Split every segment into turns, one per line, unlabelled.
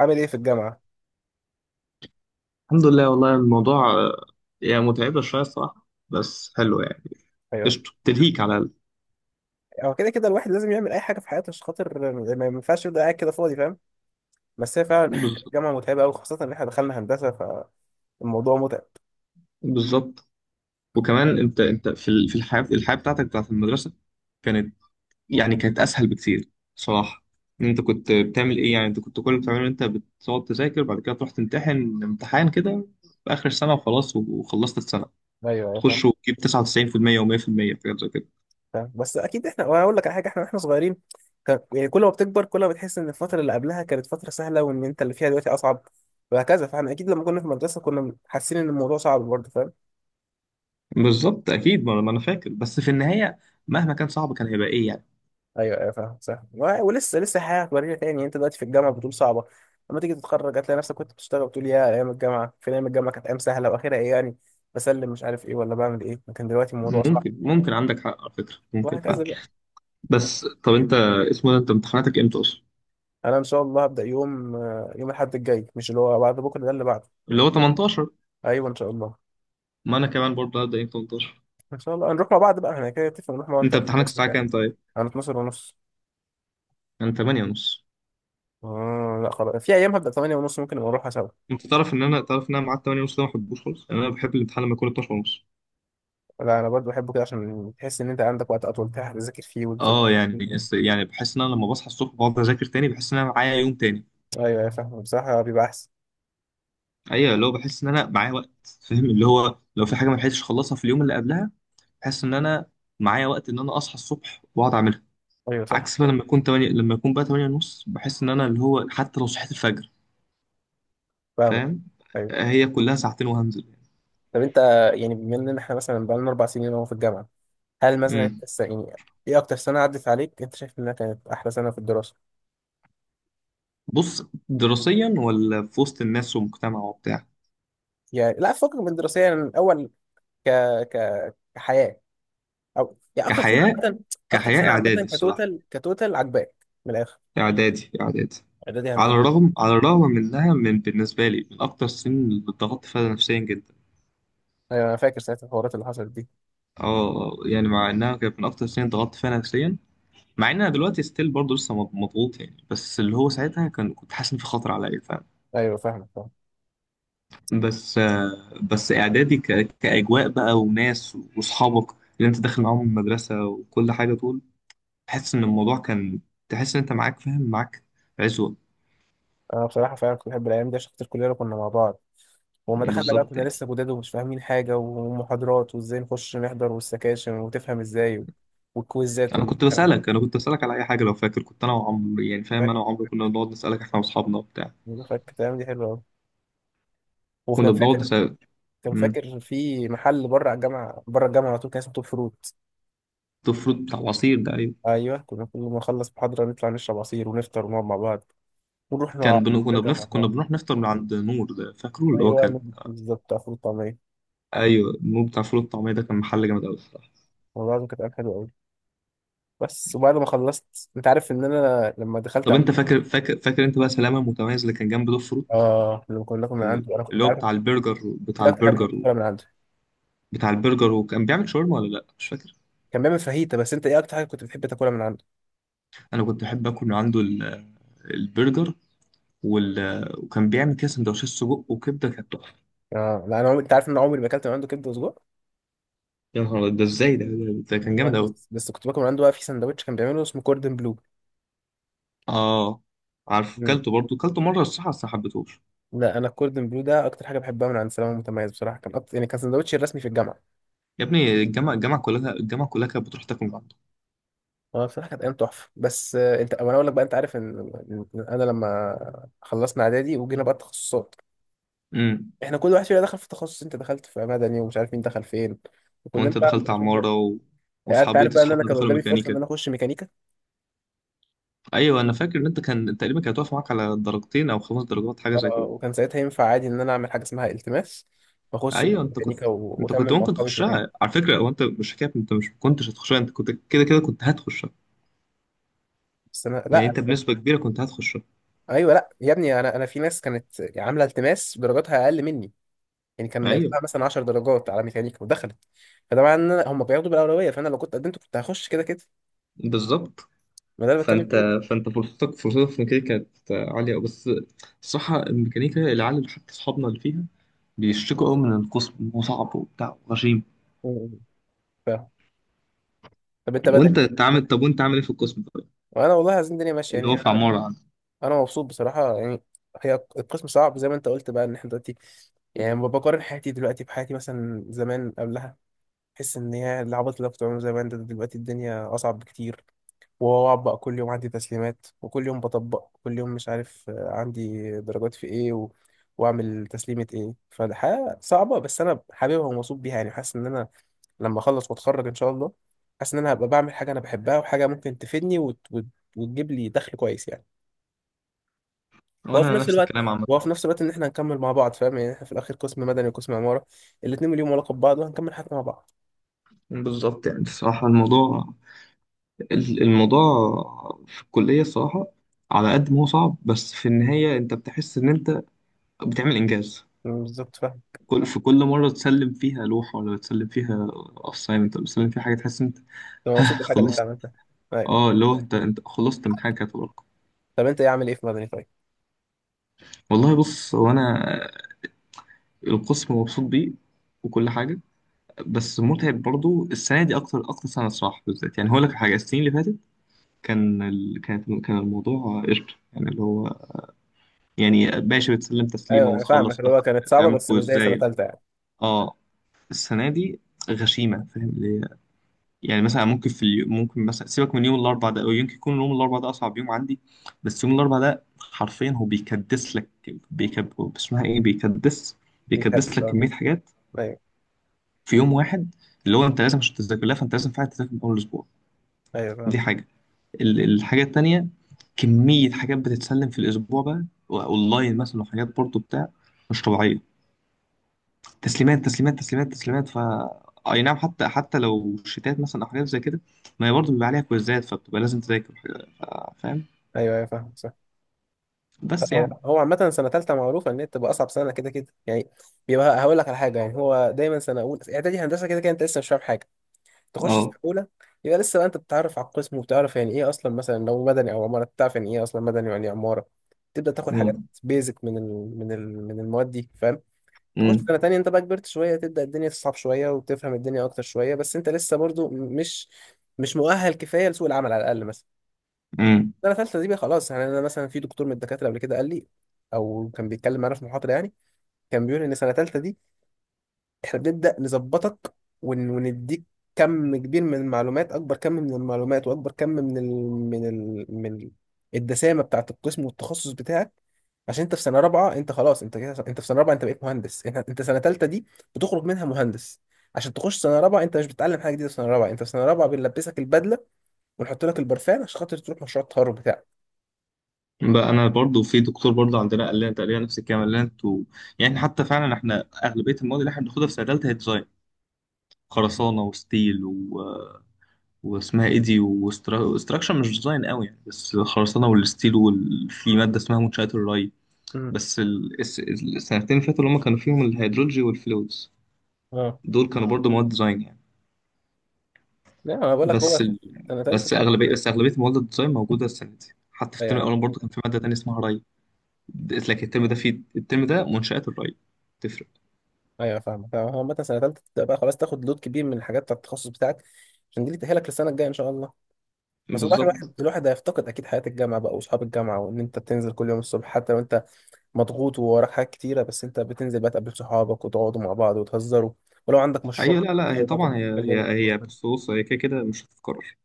عامل ايه في الجامعه؟
الحمد لله والله الموضوع يعني متعبة شوية الصراحة بس حلو يعني
ايوه،
قشطة تلهيك على
هو كده كده الواحد لازم يعمل اي حاجه في حياته عشان خاطر ما ينفعش يبدا قاعد كده فاضي، فاهم؟ بس هي فعلا
بز-
الجامعه متعبه قوي، خاصه ان احنا دخلنا هندسه، فالموضوع متعب.
بالظبط. وكمان انت في الحياة بتاعتك بتاعت المدرسة كانت، يعني كانت أسهل بكتير صراحة. إن انت كنت بتعمل ايه يعني؟ انت كنت كل اللي بتعمله إن انت بتقعد تذاكر بعد كده تروح تمتحن امتحان كده في آخر السنة وخلاص وخلصت السنة.
ايوه ايوه
تخش
فاهم.
وتجيب 99% و100% في المية في حاجات زي كده.
فاهم، بس اكيد احنا، وانا اقول لك على حاجه، احنا واحنا صغيرين كان، يعني كل ما بتكبر كل ما بتحس ان الفتره اللي قبلها كانت فتره سهله وان انت اللي فيها دلوقتي اصعب، وهكذا. فاحنا اكيد لما كنا في المدرسه كنا حاسين ان الموضوع صعب برضه، فاهم؟
بالظبط، أكيد. ما أنا فاكر، بس في النهاية مهما كان صعب كان هيبقى ايه يعني؟
ايوه ايوه فاهم صح. ولسه لسه حياه هتورينا تاني. انت دلوقتي في الجامعه بتقول صعبه، لما تيجي تتخرج هتلاقي نفسك كنت بتشتغل بتقول يا ايام الجامعه، فين ايام الجامعه، كانت ايام سهله، واخرها ايه يعني؟ بسلم مش عارف ايه ولا بعمل ايه، لكن دلوقتي الموضوع صعب،
ممكن عندك حق على فكرة، ممكن فعلا.
وهكذا بقى.
بس طب انت، اسمه ده، انت امتحاناتك امتى اصلا؟
انا ان شاء الله هبدا يوم يوم الاحد الجاي، مش اللي هو بعد بكره ده، اللي بعده.
اللي هو 18.
ايوه ان شاء الله.
ما انا كمان برضه هبدأ يوم 18.
ان شاء الله هنروح مع بعض بقى، احنا كده نتفق نروح مع بعض
انت
انت
امتحانك
بس
الساعة
كده.
كام طيب؟
انا 12 ونص.
انا 8 ونص.
آه لا خلاص، في ايام هبدا 8 ونص، ممكن نبقى نروحها سوا.
انت تعرف ان انا معاد 8 ونص ده ما بحبوش خالص، يعني انا بحب الامتحان لما يكون 12 ونص.
لا انا برضو بحبه كده، عشان تحس ان انت عندك وقت اطول تلحق تذاكر فيه وتفضل.
اه يعني يعني بحس ان انا لما بصحى الصبح بقعد اذاكر تاني بحس ان انا معايا يوم تاني.
ايوه فاهمه، بصراحه بيبقى احسن.
ايوه، اللي هو بحس ان انا معايا وقت. فاهم اللي هو لو في حاجة ما لحقتش اخلصها في اليوم اللي قبلها بحس ان انا معايا وقت ان انا اصحى الصبح واقعد اعملها.
ايوه صح
عكس بقى
صح.
لما اكون بقى تمانية ونص بحس ان انا اللي هو حتى لو صحيت الفجر.
فاهمه.
فاهم،
ايوه.
هي كلها ساعتين وهنزل.
طب انت، يعني بما ان احنا مثلا بقالنا اربع سنين اهو في الجامعه، هل مثلا
امم
انت يعني ايه اكتر سنه عدت عليك انت شايف انها كانت احلى سنه في الدراسه؟
بص، دراسيا ولا في وسط الناس ومجتمع وبتاع؟
يعني لا، فكك من الدراسيه، يعني من اول ك ك كحياه، او يعني اكتر سنه
كحياة،
عامه، اكتر سنه
اعدادي
عامه.
الصراحة.
كتوتال، كتوتال عجباك، من الاخر.
اعدادي، اعدادي.
اعدادي
على
هندسه.
الرغم على الرغم من انها من بالنسبة لي من اكتر السنين اللي اتضغطت فيها نفسيا جدا.
ايوه انا فاكر ساعه الحوارات اللي حصلت دي.
اه يعني مع انها كانت من اكتر السنين ضغطت فيها نفسيا، مع ان انا دلوقتي ستيل برضه لسه مضغوط يعني، بس اللي هو ساعتها كنت حاسس ان في خطر عليا.
ايوه فاهمك فاهم.
بس اعدادي كاجواء بقى وناس واصحابك اللي انت داخل معاهم المدرسه وكل حاجه. طول تحس ان الموضوع كان، تحس ان انت معاك، فاهم؟ معاك عزوه.
انا بصراحه فعلا كنت بحب الايام دي، عشان خاطر كلنا كنا مع بعض، وما دخلنا بقى
بالظبط
كنا
يعني.
لسه جداد ومش فاهمين حاجة، ومحاضرات وازاي نخش نحضر والسكاشن وتفهم ازاي و- والكويزات
انا كنت
والامتحانات.
بسالك انا كنت بسالك على اي حاجه لو فاكر، كنت انا وعمرو، يعني فاهم،
فاكر
انا وعمرو كنا بنقعد نسالك احنا واصحابنا وبتاع.
فاكر، تمام، دي حلوة أوي. وكان
كنا بنقعد
فاكر،
نسال.
كان
مم.
فاكر في محل بره على الجامعة، بره الجامعة على طول، كان اسمه توب فروت.
ده الفروت بتاع العصير ده، ايوه.
أيوه كنا كل ما نخلص محاضرة نطلع نشرب عصير ونفطر ونقعد مع بعض ونروح مع، نرجع مع
كنا
بعض.
بنروح نفطر من عند نور، ده فاكره اللي هو كان.
أيوه بالظبط، بتاع فول وطعمية.
ايوه، نور بتاع فول الطعميه ده كان محل جامد قوي.
والله العظيم كانت أيام حلوة أوي. بس وبعد ما خلصت أنت عارف إن أنا لما دخلت
طب انت فاكر، انت بقى سلامه المتميز اللي كان جنب دوب فروت؟
آه لما كنا، كنا من عنده أنا كنت
اللي هو
عارف. انت
بتاع
ايه اكتر حاجه
البرجر
بتحب تاكلها من عنده؟
بتاع البرجر، وكان بيعمل شاورما ولا لا، مش فاكر.
كان بيعمل فاهيتا، بس انت ايه اكتر حاجه كنت بتحب تاكلها من عنده؟
انا كنت بحب اكل من عنده البرجر وال... وكان بيعمل كده سندوتشات سجق وكبده كانت تحفه.
آه لا انا انت عارف ان انا عمري ما اكلت من عنده كبده وسجق.
يا نهار أبيض، ده ازاي، ده كان
والله
جامد قوي.
بس، بس كنت باكل من عنده بقى في سندوتش كان بيعمله اسمه كوردن بلو.
اه، عارف.
مم.
كلته مره الصراحه، بس ما حبيتهوش.
لا انا الكوردن بلو ده اكتر حاجه بحبها من عند سلامه متميز، بصراحه كان أكتر، يعني كان سندوتشي الرسمي في الجامعه.
يا ابني الجامعه، الجامعه كلها كانت بتروح تاكل من عنده.
هو بصراحه كانت ايام تحفه، بس انت وانا اقول لك بقى، انت عارف ان، إن انا لما خلصنا اعدادي وجينا بقى التخصصات،
امم
احنا كل واحد فينا دخل في تخصص، انت دخلت في مدني ومش عارف مين دخل فين، وكلنا
وانت
بقى
دخلت
مبقاش،
عماره
يعني انت عارف بقى ان انا
اصحابنا
كان
دخلوا
قدامي فرصه ان
ميكانيكا.
انا اخش ميكانيكا.
ايوه انا فاكر ان انت كان تقريبا كانت واقفه معاك على درجتين او خمس درجات، حاجه زي كده.
وكان ساعتها ينفع عادي ان انا اعمل حاجه اسمها التماس واخش بقى
ايوه
ميكانيكا
انت كنت
واكمل مع
ممكن
اصحابي في مكاني.
تخشها على فكره. هو انت مش حكايه انت مش كنتش هتخشها، انت كنت كده كده كنت هتخشها.
بس انا
يعني
لا.
انت بنسبه كبيره كنت هتخشها.
ايوه لا يا ابني، انا في ناس كانت عامله التماس درجاتها اقل مني، يعني كان
ايوه
ناقصها مثلا 10 درجات على ميكانيكا ودخلت، فده معناه ان هم بياخدوا بالاولويه، فانا لو كنت قدمت كنت هخش كده كده.
بالظبط.
ما ده اللي بتكلم
فانت
فيه.
فانت فرصتك في الميكانيكا كانت عاليه. بس الصراحه الميكانيكا، العيال اللي حتى اصحابنا اللي فيها بيشتكوا قوي من القسم إن هو صعب وبتاع وغشيم.
م- ف... طب انت بدأ
وانت تعمل
إيه؟
طب؟ وانت عامل ايه في القسم طيب،
وانا والله عايزين الدنيا ماشيه
اللي
يعني.
هو في
انا،
عماره عندك؟
أنا مبسوط بصراحه يعني. هي القسم صعب زي ما انت قلت بقى، ان احنا دلوقتي، يعني بقارن حياتي دلوقتي بحياتي مثلا زمان قبلها، تحس ان هي العبط اللي أنا كنت بعمله زمان ده دلوقتي الدنيا اصعب بكتير، واطبق كل يوم عندي تسليمات وكل يوم بطبق كل يوم مش عارف عندي درجات في ايه واعمل تسليمة ايه. فالحياة صعبة، بس انا حاببها ومبسوط بيها، يعني حاسس ان انا لما اخلص واتخرج ان شاء الله حاسس ان انا هبقى بعمل حاجة انا بحبها، وحاجة ممكن تفيدني وتجيب لي دخل كويس يعني. وفي
وانا
نفس
نفس
الوقت،
الكلام عامه.
وفي نفس الوقت ان احنا هنكمل مع بعض، فاهم؟ يعني احنا في الاخر قسم مدني وقسم عمارة، الاتنين ليهم علاقة ببعض، وهنكمل حياتنا مع بعض.
بالظبط، يعني الصراحة الموضوع، في الكلية، الصراحة على قد ما هو صعب بس في النهاية أنت بتحس إن أنت بتعمل إنجاز.
بالظبط.
في كل مرة تسلم فيها لوحة ولا تسلم فيها assignment ولا تسلم فيها حاجة تحس أنت.
انا مبسوط
ها،
بالحاجه اللي انت
خلصت.
عملتها.
أه،
ايوه.
اللي هو أنت خلصت من حاجة كانت وراك.
طب انت ايه، عامل ايه في مدني طيب؟
والله بص، هو أنا القسم مبسوط بيه وكل حاجة، بس متعب برضو السنة دي أكتر، سنة الصراحة بالذات. يعني هقول لك حاجة، السنين اللي فاتت كان ال... كانت كان الموضوع قشطة يعني، اللي هو يعني ماشي بتسلم تسليمه
ايوه انا فاهمك،
وتخلص،
اللي
لا،
هو كانت صعبه
تعمل
بس مش زي سنه
كويزايه.
ثالثه يعني.
اه، السنه دي غشيمه، فاهم؟ اللي هي يعني مثلا ممكن في اليوم ممكن مثلا سيبك من يوم الاربع ده، او يمكن يكون يوم الاربع ده اصعب يوم عندي. بس يوم الاربع ده حرفيا هو بيكدس لك، بيكب اسمها ايه بيكدس
في
بيكدس
كبس،
لك
اه.
كميه حاجات
ايوه
في يوم واحد. اللي هو انت لازم عشان تذاكر لها فانت لازم فعلا تذاكر من اول اسبوع.
ايوه فاهم.
دي حاجه. الحاجه التانيه، كميه حاجات بتتسلم في الاسبوع بقى اونلاين مثلا، وحاجات برضو بتاع، مش طبيعيه. تسليمات تسليمات تسليمات تسليمات، اي نعم، حتى لو شتات مثلا او حاجات زي كده، ما هي برضه بيبقى عليها كويزات فبتبقى لازم تذاكر. ف- فاهم؟
ايوه ايوه فاهم صح.
بس
هو
يعني.
هو عامة سنة تالتة معروفة إن هي بتبقى أصعب سنة كده كده يعني. بيبقى هقول لك على حاجة، يعني هو دايما سنة أولى إعدادي هندسة كده كده أنت لسه مش فاهم حاجة. تخش سنة
اه.
أولى يبقى لسه بقى أنت بتتعرف على القسم وبتعرف يعني إيه أصلا، مثلا لو مدني أو عمارة بتعرف يعني إيه أصلا مدني ويعني إيه عمارة، تبدأ تاخد حاجات
مم.
بيزك من من المواد دي، فاهم؟ تخش
مم.
سنة تانية انت بقى كبرت شوية، تبدأ الدنيا تصعب شوية وتفهم الدنيا أكتر شوية، بس انت لسه برضو مش، مش مؤهل كفاية لسوق العمل على الأقل مثلا.
مم.
سنة تالتة دي بقى خلاص، يعني أنا مثلا في دكتور من الدكاترة قبل كده قال لي، أو كان بيتكلم معانا في محاضرة يعني، كان بيقول إن سنة تالتة دي احنا بنبدأ نظبطك ونديك كم كبير من المعلومات، اكبر كم من المعلومات واكبر كم من الدسامة بتاعة القسم والتخصص بتاعك، عشان انت في سنة رابعة انت خلاص، انت كده، انت في سنة رابعة انت بقيت مهندس. انت سنة تالتة دي بتخرج منها مهندس، عشان تخش سنة رابعة. انت مش بتتعلم حاجة جديدة في سنة رابعة، انت في سنة رابعة بنلبسك البدلة ونحط لك البرفان عشان خاطر تروح مشروع التخرج بتاعك.
بقى انا برضه في دكتور برضه عندنا قال لنا تقريبا نفس الكلام، قال لنا انتوا يعني حتى فعلا احنا اغلبيه المواد اللي احنا بناخدها في سنه ثالثه هي ديزاين، خرسانه وستيل واسمها ايه دي، واستراكشر مش ديزاين قوي يعني، بس خرسانه والستيل، وفي ماده اسمها منشات الري.
امم.
بس السنتين اللي فاتوا اللي هم كانوا فيهم الهيدرولوجي والفلويدز
اه
دول كانوا برضو مواد ديزاين يعني.
لا انا بقول لك هو
بس ال...
سنة تالتة.
بس اغلبيه مواد الديزاين موجوده السنه دي. حتى في الترم
أيوه.
الاول برضو كان في ماده تانية اسمها ري، لكن الترم ده منشات الري، تفرق.
ايوه فاهمك فاهم. هو عامة سنة تالتة تبدأ بقى خلاص تاخد لود كبير من الحاجات بتاعت التخصص بتاعك، عشان دي اللي تأهلك للسنة الجاية إن شاء الله. بس والله
بالظبط.
الواحد هيفتقد أكيد حياة الجامعة بقى، وأصحاب الجامعة، وإن أنت بتنزل كل يوم الصبح حتى لو أنت مضغوط ووراك حاجات كتيرة، بس أنت بتنزل بقى تقابل صحابك وتقعدوا مع بعض وتهزروا، ولو عندك مشروع
ايوه لا لا، هي
بتقعدوا بقى،
طبعا،
تقعدوا
هي
تتكلموا
هي هي
وتهزروا.
بص بص، هي كده كده مش هتتكرر،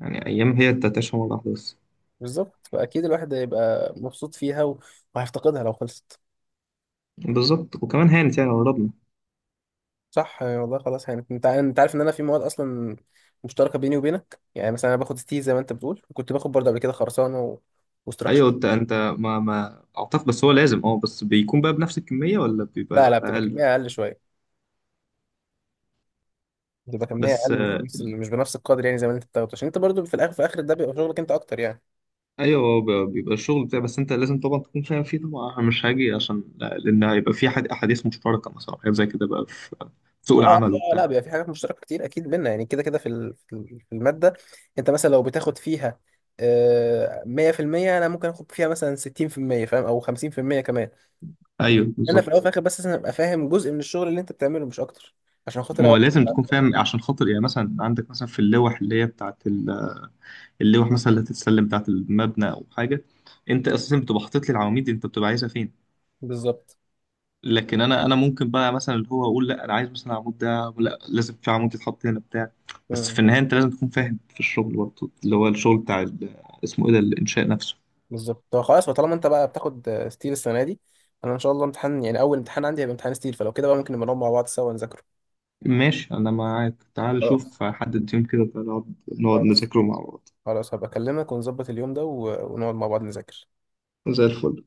يعني ايام هي تتعيش مره واحده بس.
بالظبط، فأكيد الواحد هيبقى مبسوط فيها وهيفتقدها لو خلصت.
بالظبط، وكمان هانت يعني قربنا.
صح، يعني والله خلاص، يعني انت عارف ان انا في مواد اصلا مشتركه بيني وبينك، يعني مثلا انا باخد ستي زي ما انت بتقول، وكنت باخد برضه قبل كده خرسانه
ايوه
وستراكشر.
انت، ما اعتقد، بس هو لازم، بس بيكون بقى بنفس الكميه ولا
لا
بيبقى
لا بتبقى
اقل؟
كميه اقل شويه، بتبقى كميه
بس
اقل مش بنفس مش بنفس القدر، يعني زي ما انت بتاخده، عشان انت برضه في الاخر في اخر ده بيبقى شغلك انت اكتر يعني.
ايوه، هو بيبقى الشغل بتاعي، بس انت لازم طبعا تكون فاهم فيه طبعا. انا مش هاجي عشان لان هيبقى في حد، احاديث مشتركه مثلا حاجات زي كده بقى، في سوق
اه اه.
العمل
آه، لا
وبتاع.
بيبقى في حاجات مشتركه كتير اكيد بينا، يعني كده كده في في الماده انت مثلا لو بتاخد فيها 100%، انا ممكن اخد فيها مثلا 60%، فاهم، او 50% كمان.
ايوه
انا في الاول
بالظبط.
وفي الاخر بس لازم ابقى فاهم جزء من الشغل اللي انت بتعمله مش اكتر، عشان خاطر
ما
أوعى.
هو لازم تكون فاهم عشان خاطر، يعني مثلا عندك مثلا في اللوح اللي هي بتاعت اللوح مثلا اللي هتتسلم بتاعت المبنى او حاجه، انت اساسا بتبقى حاطط لي العواميد دي، انت بتبقى عايزها فين.
بالظبط.
لكن انا ممكن بقى مثلا اللي هو اقول، لا انا عايز مثلا العمود ده، لا لازم في عمود يتحط هنا بتاع. بس في
مم.
النهايه انت لازم تكون فاهم في الشغل برضه، اللي هو الشغل بتاع اسمه ايه ده، الانشاء نفسه.
بالظبط. طب خلاص، طالما انت بقى بتاخد ستيل السنه دي، انا ان شاء الله امتحان، يعني اول امتحان عندي هيبقى امتحان ستيل، فلو كده بقى ممكن نبقى نقعد مع بعض سوا نذاكره.
ماشي، أنا معاك، تعال
خلاص
شوف حدد يوم كده نقعد،
خلاص.
نذاكره مع بعض.
خلاص هبقى اكلمك ونظبط اليوم ده ونقعد مع بعض نذاكر.
زي الفل.